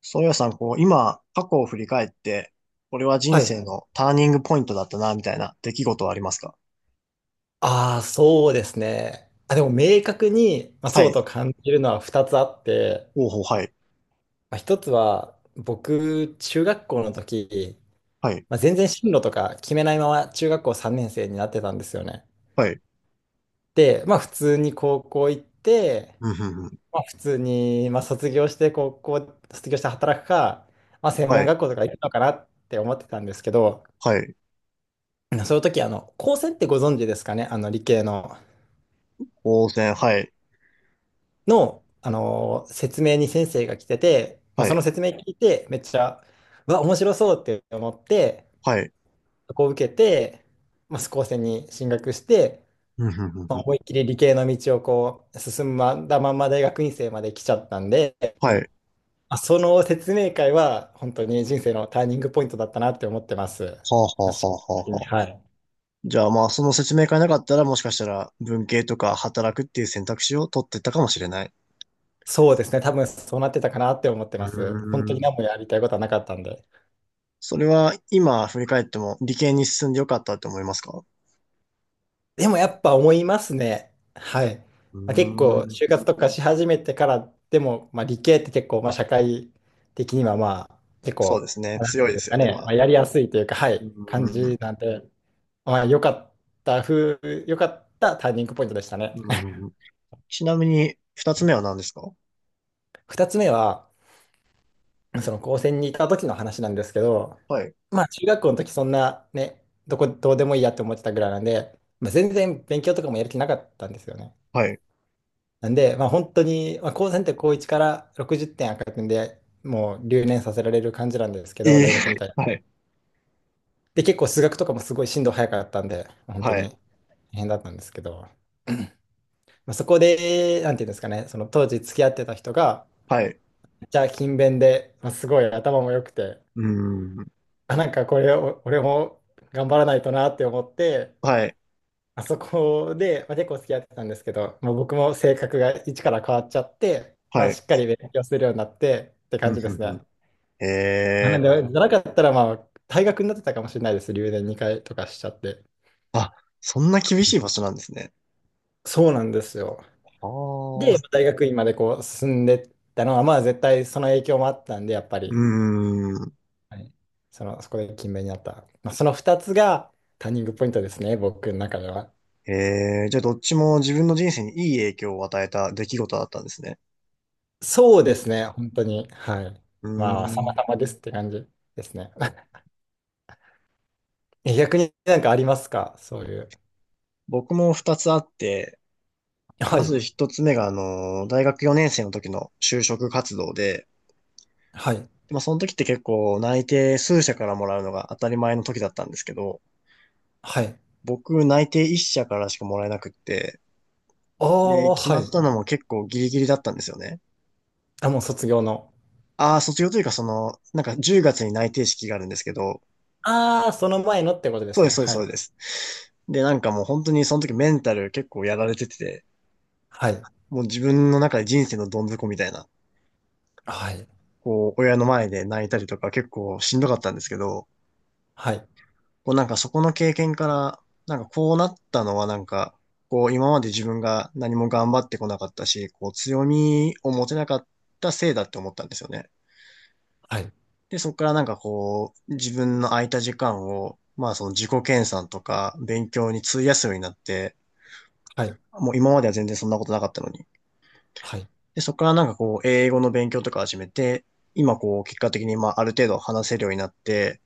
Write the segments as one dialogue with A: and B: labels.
A: そうやさん、こう、今、過去を振り返って、これは人
B: はい。
A: 生のターニングポイントだったな、みたいな出来事はありますか？
B: ああ、そうですね。あ、でも明確に、まあ、
A: は
B: そう
A: い。
B: と感じるのは2つあって、
A: ほうほう、はい。
B: まあ、1つは僕、中学校の時、
A: はい。
B: まあ、全然進路とか決めないまま中学校3年生になってたんですよね。
A: はい。
B: で、まあ普通に高校行って、
A: うん、ふんふん。
B: まあ普通に、まあ、卒業して高校、卒業して働くか、まあ専
A: は
B: 門
A: い。
B: 学校とか行くのかなって思ってたんですけど、
A: はい。
B: その時、あの、高専ってご存知ですかね？あの理系の。
A: 当然、はい。
B: の、説明に先生が来てて、まあ、
A: は
B: その
A: い。
B: 説明聞いて、めっちゃ、うわ、面白そうって思って、
A: はい。
B: そこを受けて、まあ、スコーセンに進学して、
A: うん、ふんふん
B: ま
A: ふ
B: あ、
A: ん。
B: 思いっきり理系の道をこう進んだまんま大学院生まで来ちゃったんで、
A: はい。は
B: まあ、その説明会は本当に人生のターニングポイントだったなって思ってます。
A: あ、はあ、は
B: 私
A: あ、は
B: 的
A: あ、
B: に
A: はあ。
B: はい。
A: じゃあ、まあ、その説明会なかったら、もしかしたら、文系とか働くっていう選択肢を取ってたかもしれない。
B: そうですね、多分そうなってたかなって思って
A: うー
B: ます。本当に
A: ん。
B: 何もやりたいことはなかったんで。
A: それは、今、振り返っても、理系に進んでよかったって思いますか？
B: でもやっぱ思いますね。はい。
A: う
B: まあ、結
A: ー
B: 構、
A: ん。
B: 就活とかし始めてからでも、まあ、理系って結構、まあ、社会的には、まあ、結
A: そうで
B: 構、
A: すね。
B: まあ、なん
A: 強
B: て
A: い
B: いう
A: で
B: んです
A: す
B: か
A: よね、ま
B: ね、ま
A: あ。
B: あ、やりやすいというか、は
A: うー
B: い、感じ
A: ん、
B: なんで、まあ、良かったターニングポイントでしたね。
A: う ーん。ちなみに、二つ目は何ですか？
B: 二つ目は、その高専にいた時の話なんですけど、
A: はい。
B: まあ、中学校の時そんなね、どうでもいいやって思ってたぐらいなんで、まあ、全然勉強とかもやる気なかったんですよね。
A: はい。
B: なんで、まあ、本当に、まあ、高専って高1から60点赤くんでもう留年させられる感じなんですけ
A: え
B: ど、
A: え
B: 大学みたい な。
A: はい。
B: で、結構数学とかもすごい進度早かったんで、本当
A: はい。
B: に大変だったんですけど、まあ、そこで、なんていうんですかね、その当時付き合ってた人が、
A: はい。
B: めっちゃ勤勉で、まあ、すごい頭も良くて、
A: うーん。
B: あ、なんかこれを、俺も頑張らないとなって思って、
A: はい。
B: まあそこで、まあ、結構付き合ってたんですけど、もう僕も性格が一から変わっちゃって、ま
A: は
B: あ、
A: い。
B: しっかり勉強するようになってって感
A: うん
B: じで
A: ふん
B: す
A: ふん。
B: ね。まあ、な
A: え
B: ん
A: え。
B: で、じゃなかったら、まあ、退学になってたかもしれないです。留年2回とかしちゃって。
A: あ、そんな厳しい場所なんですね。
B: そうなんですよ。
A: は
B: で、
A: あ。
B: 大学院までこう進んでったのは、まあ、絶対その影響もあったんで、やっぱ
A: う
B: り、
A: ーん。
B: はい、その、そこで勤勉になった。まあ、その2つがターニングポイントですね、僕の中では。
A: ええ。じゃあどっちも自分の人生にいい影響を与えた出来事だったんですね。
B: そうですね、本当に。はい。
A: う
B: まあ、
A: ー
B: 様
A: ん。
B: 々ですって感じですね。え、逆になんかありますか？そういう。
A: 僕も二つあって、
B: は
A: ま
B: い、
A: ず一つ目が、あの、大学4年生の時の就職活動で、
B: はい、
A: まあ、その時って結構内定数社からもらうのが当たり前の時だったんですけど、
B: はい。
A: 僕内定1社からしかもらえなくって、
B: あ
A: で、
B: あ、
A: 決
B: は
A: まっ
B: い。
A: たのも結構ギリギリだったんですよね。
B: あ、もう卒業の。
A: ああ、卒業というかその、なんか10月に内定式があるんですけど、
B: ああ、その前のってことで
A: そう
B: す
A: で
B: ね。
A: す、そうです、
B: は
A: そう
B: い。
A: です。で、なんかもう本当にその時メンタル結構やられてて、
B: はい。
A: もう自分の中で人生のどん底みたいな、
B: はい。
A: こう、親の前で泣いたりとか結構しんどかったんですけど、
B: はい。
A: こうなんかそこの経験から、なんかこうなったのはなんか、こう今まで自分が何も頑張ってこなかったし、こう強みを持てなかったせいだって思ったんですよね。
B: はい。
A: で、そこからなんかこう、自分の空いた時間を、まあその自己研鑽とか勉強に費やすようになって、
B: はい。
A: もう今までは全然そんなことなかったのに。
B: はい。
A: で、そこからなんかこう、英語の勉強とか始めて、今こう、結果的にまあある程度話せるようになって、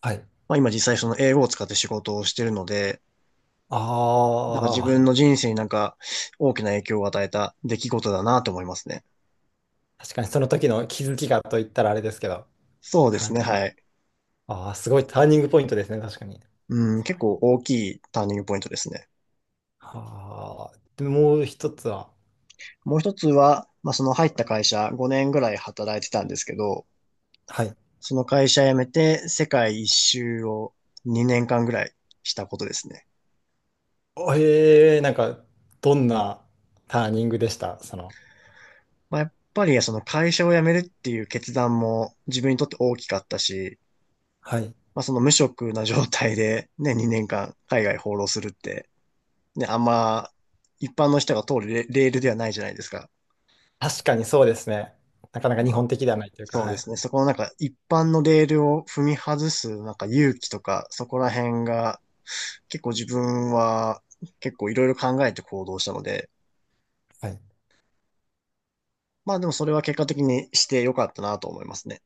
B: はい。
A: まあ今実際その英語を使って仕事をしてるので、
B: あ
A: なんか自分
B: あ、
A: の人生になんか大きな影響を与えた出来事だなと思いますね。
B: 確かにその時の気づきがと言ったらあれですけど。
A: そうで
B: な
A: す
B: ん
A: ね、
B: か、
A: はい。
B: ああ、すごいターニングポイントですね。確かに。
A: うん、
B: すご
A: 結
B: い。
A: 構大きいターニングポイントですね。
B: ああ、で、もう一つは。
A: もう一つは、まあ、その入った会社5年ぐらい働いてたんですけど、
B: はい。
A: その会社辞めて世界一周を2年間ぐらいしたことですね。
B: ええ、なんか、どんなターニングでしたその？
A: まあ、やっぱりその会社を辞めるっていう決断も自分にとって大きかったし、
B: はい。
A: まあ、その無職な状態でね、2年間海外放浪するって、ね、あんま一般の人が通るレレールではないじゃないですか。
B: 確かにそうですね。なかなか日
A: まあ、
B: 本的ではないというか、
A: そう
B: は
A: で
B: い。
A: すね。そこのなんか一般のレールを踏み外すなんか勇気とか、そこら辺が結構自分は結構いろいろ考えて行動したので、
B: はい。
A: まあでもそれは結果的にしてよかったなと思いますね。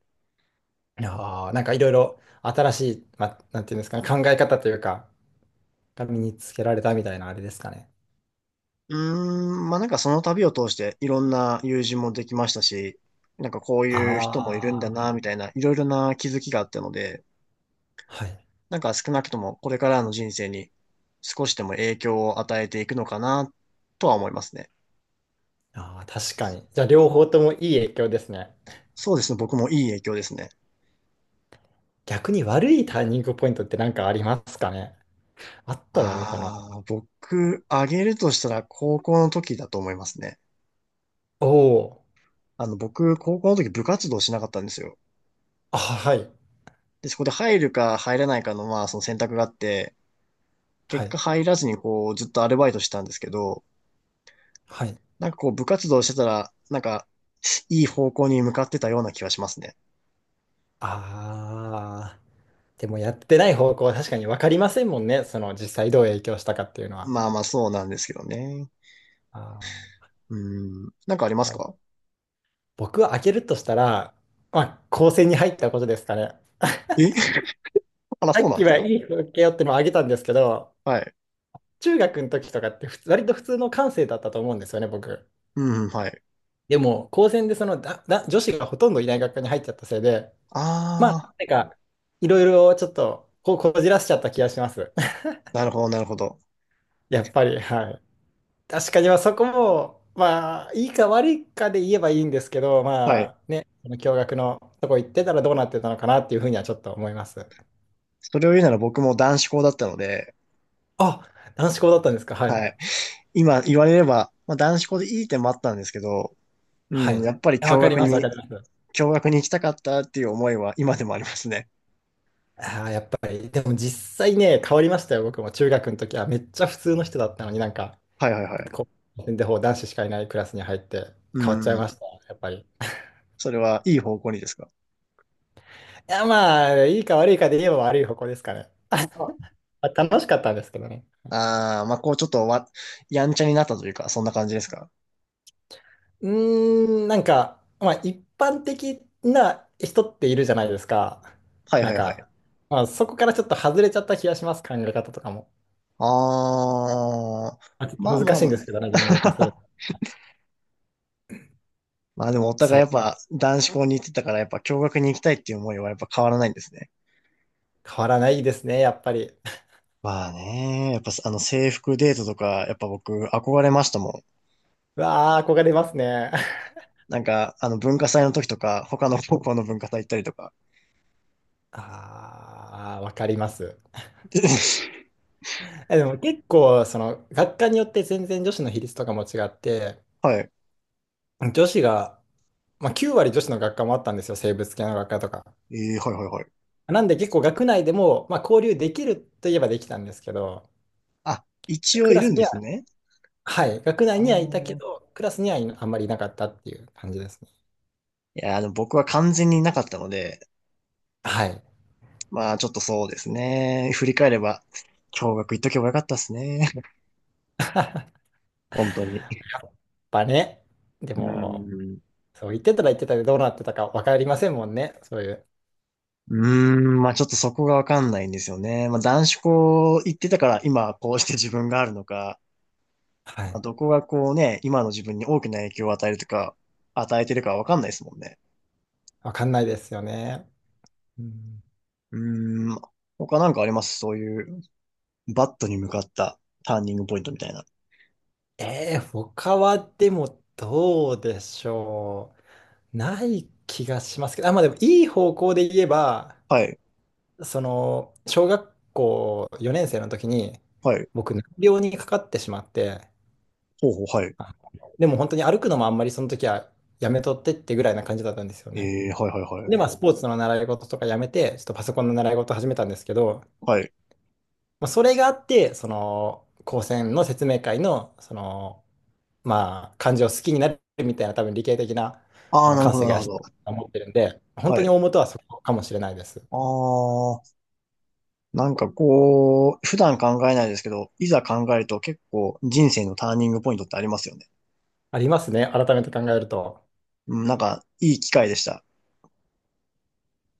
B: ああ、なんかいろいろ新しい、まあ、なんていうんですかね、考え方というか、が身につけられたみたいなあれですかね。
A: うーん、まあなんかその旅を通していろんな友人もできましたし、なんかこういう人もいるんだ
B: あ
A: な、
B: あ、
A: みたいな、いろいろな気づきがあったので、
B: はい。
A: なんか少なくともこれからの人生に少しでも影響を与えていくのかなとは思いますね。
B: ああ、確かに。じゃあ両方ともいい影響ですね。
A: そうですね。僕もいい影響ですね。
B: 逆に悪いターニングポイントって何かありますかね？あっただろうかな。
A: ああ、僕、あげるとしたら高校の時だと思いますね。
B: おお、
A: あの、僕、高校の時部活動しなかったんですよ。
B: あ、はい。
A: で、そこで入るか入らないかの、まあ、その選択があって、
B: は
A: 結
B: い。
A: 果入らずにこう、ずっとアルバイトしてたんですけど、
B: はい。
A: なんかこう、部活動してたら、なんか、いい方向に向かってたような気がしますね。
B: ああ、でもやってない方向は確かに分かりませんもんね。その実際どう影響したかっていうのは。
A: まあまあ、そうなんですけどね。
B: あ
A: うん。なんかありますか？
B: あ。僕は開けるとしたら、まあ、高専に入ったことですかね。
A: え あら、
B: さ
A: そう
B: っ
A: なんで
B: き
A: す
B: は
A: か？
B: いい風景よってのを挙げたんですけど、
A: はい。
B: 中学の時とかって普通割と普通の感性だったと思うんですよね、僕。
A: うん、はい。
B: でも、高専でそのだだ女子がほとんどいない学科に入っちゃったせいで、まあ、
A: あ
B: なんか、いろいろちょっとこじらしちゃった気がします。
A: ー、なるほど、なるほど。
B: やっぱり、はい。確かに、まあそこも、まあ、いいか悪いかで言えばいいんですけど、
A: はい。
B: まあね、その共学のとこ行ってたらどうなってたのかなっていうふうにはちょっと思います。
A: それを言うなら僕も男子校だったので、
B: あ、男子校だったんですか？は
A: は
B: い。
A: い。今言われれば、まあ、男子校でいい点もあったんですけど、う
B: はい。
A: ん、
B: い
A: やっぱり
B: やわ
A: 共
B: かり
A: 学
B: ます、わ
A: に、
B: かります。
A: 共学に行きたかったっていう思いは今でもありますね。
B: ああ、やっぱり、でも実際ね、変わりましたよ、僕も。中学の時はめっちゃ普通の人だったのになんか、
A: はいはいはい。
B: こう、で、ほう男子しかいないクラスに入って
A: う
B: 変わっちゃいま
A: ん。
B: した、やっぱり。い
A: それはいい方向にですか？
B: や、まあ、いいか悪いかで言えば悪い方向ですかね。
A: あ
B: まあ、楽しかったんですけどね。
A: あー、まあ、こうちょっとやんちゃになったというか、そんな感じですか？
B: うーん、なんか、まあ、一般的な人っているじゃないですか。
A: はい
B: な
A: は
B: ん
A: いは
B: か、
A: い。
B: まあ、そこからちょっと外れちゃった気がします、考え方とかも。
A: ああ、
B: まあ、ちょっと
A: まあま
B: 難
A: あ
B: しい
A: ま
B: んですけどね、言語化する
A: あ。
B: の。
A: まあでもお互いやっ
B: そ
A: ぱ男子校に行ってたからやっぱ共学に行きたいっていう思いはやっぱ変わらないんですね。
B: う。変わらないですね、やっぱり。
A: まあね、やっぱあの制服デートとかやっぱ僕憧れましたもん。
B: うわあ、憧れますね。
A: なんかあの文化祭の時とか他の高校の文化祭行ったりとか。
B: ああ、わかります。
A: で
B: え、でも結構、その、学科によって全然女子の比率とかも違って、
A: はい。
B: 女子が、まあ、9割女子の学科もあったんですよ、生物系の学科とか。
A: えー、はいはいはい。
B: なんで結構学内でも、まあ、交流できるといえばできたんですけど、
A: あ、一応
B: ク
A: い
B: ラ
A: る
B: ス
A: んで
B: に
A: す
B: は、
A: ね。
B: はい、学内
A: あ
B: にはいたけ
A: の
B: ど、クラスにはいあんまりいなかったっていう感じですね。
A: いや、あの僕は完全にいなかったので、
B: はい。やっ
A: まあちょっとそうですね。振り返れば、共学行っとけばよかったですね。本当に。
B: ぱね、で
A: う
B: も、
A: ん。
B: そう、言ってたら言ってたでどうなってたか分かりませんもんね。そういう。
A: うーん、まあちょっとそこがわかんないんですよね。まあ男子校行ってたから今こうして自分があるのか、
B: は
A: まあ
B: い。
A: どこがこうね、今の自分に大きな影響を与えるとか、与えてるかわかんないですもんね。
B: 分かんないですよね。うん、
A: うーん、他なんかありますそういう、バットに向かったターニングポイントみたいな？
B: 他はでもどうでしょう。ない気がしますけど、あ、まあでもいい方向で言えば、
A: はい、
B: その、小学校4年生の時に、
A: はい、
B: 僕、難病にかかってしまって、
A: ほうほう、はい。
B: あ、でも本当に歩くのもあんまりその時はやめとってってぐらいな感じだったんですよ
A: え
B: ね。
A: ー、はい、はい、は
B: で、まあ、
A: い。
B: スポーツの習い事とかやめて、ちょっとパソコンの習い事始めたんですけど、
A: はい。
B: まあ、それがあって、その、高専の説明会の、その、まあ、漢字を好きになるみたいな、多分理系的な、
A: あ
B: あ
A: あ、
B: の、
A: なる
B: 感
A: ほ
B: 性
A: ど、
B: が養
A: な
B: っ
A: る
B: て
A: ほ
B: る
A: ど。
B: と思ってるんで、本
A: は
B: 当に
A: い。
B: 大元はそこかもしれないです。
A: ああ、なんかこう、普段考えないですけど、いざ考えると結構人生のターニングポイントってありますよね。
B: ありますね、改めて考えると。
A: うん、なんか、いい機会でした。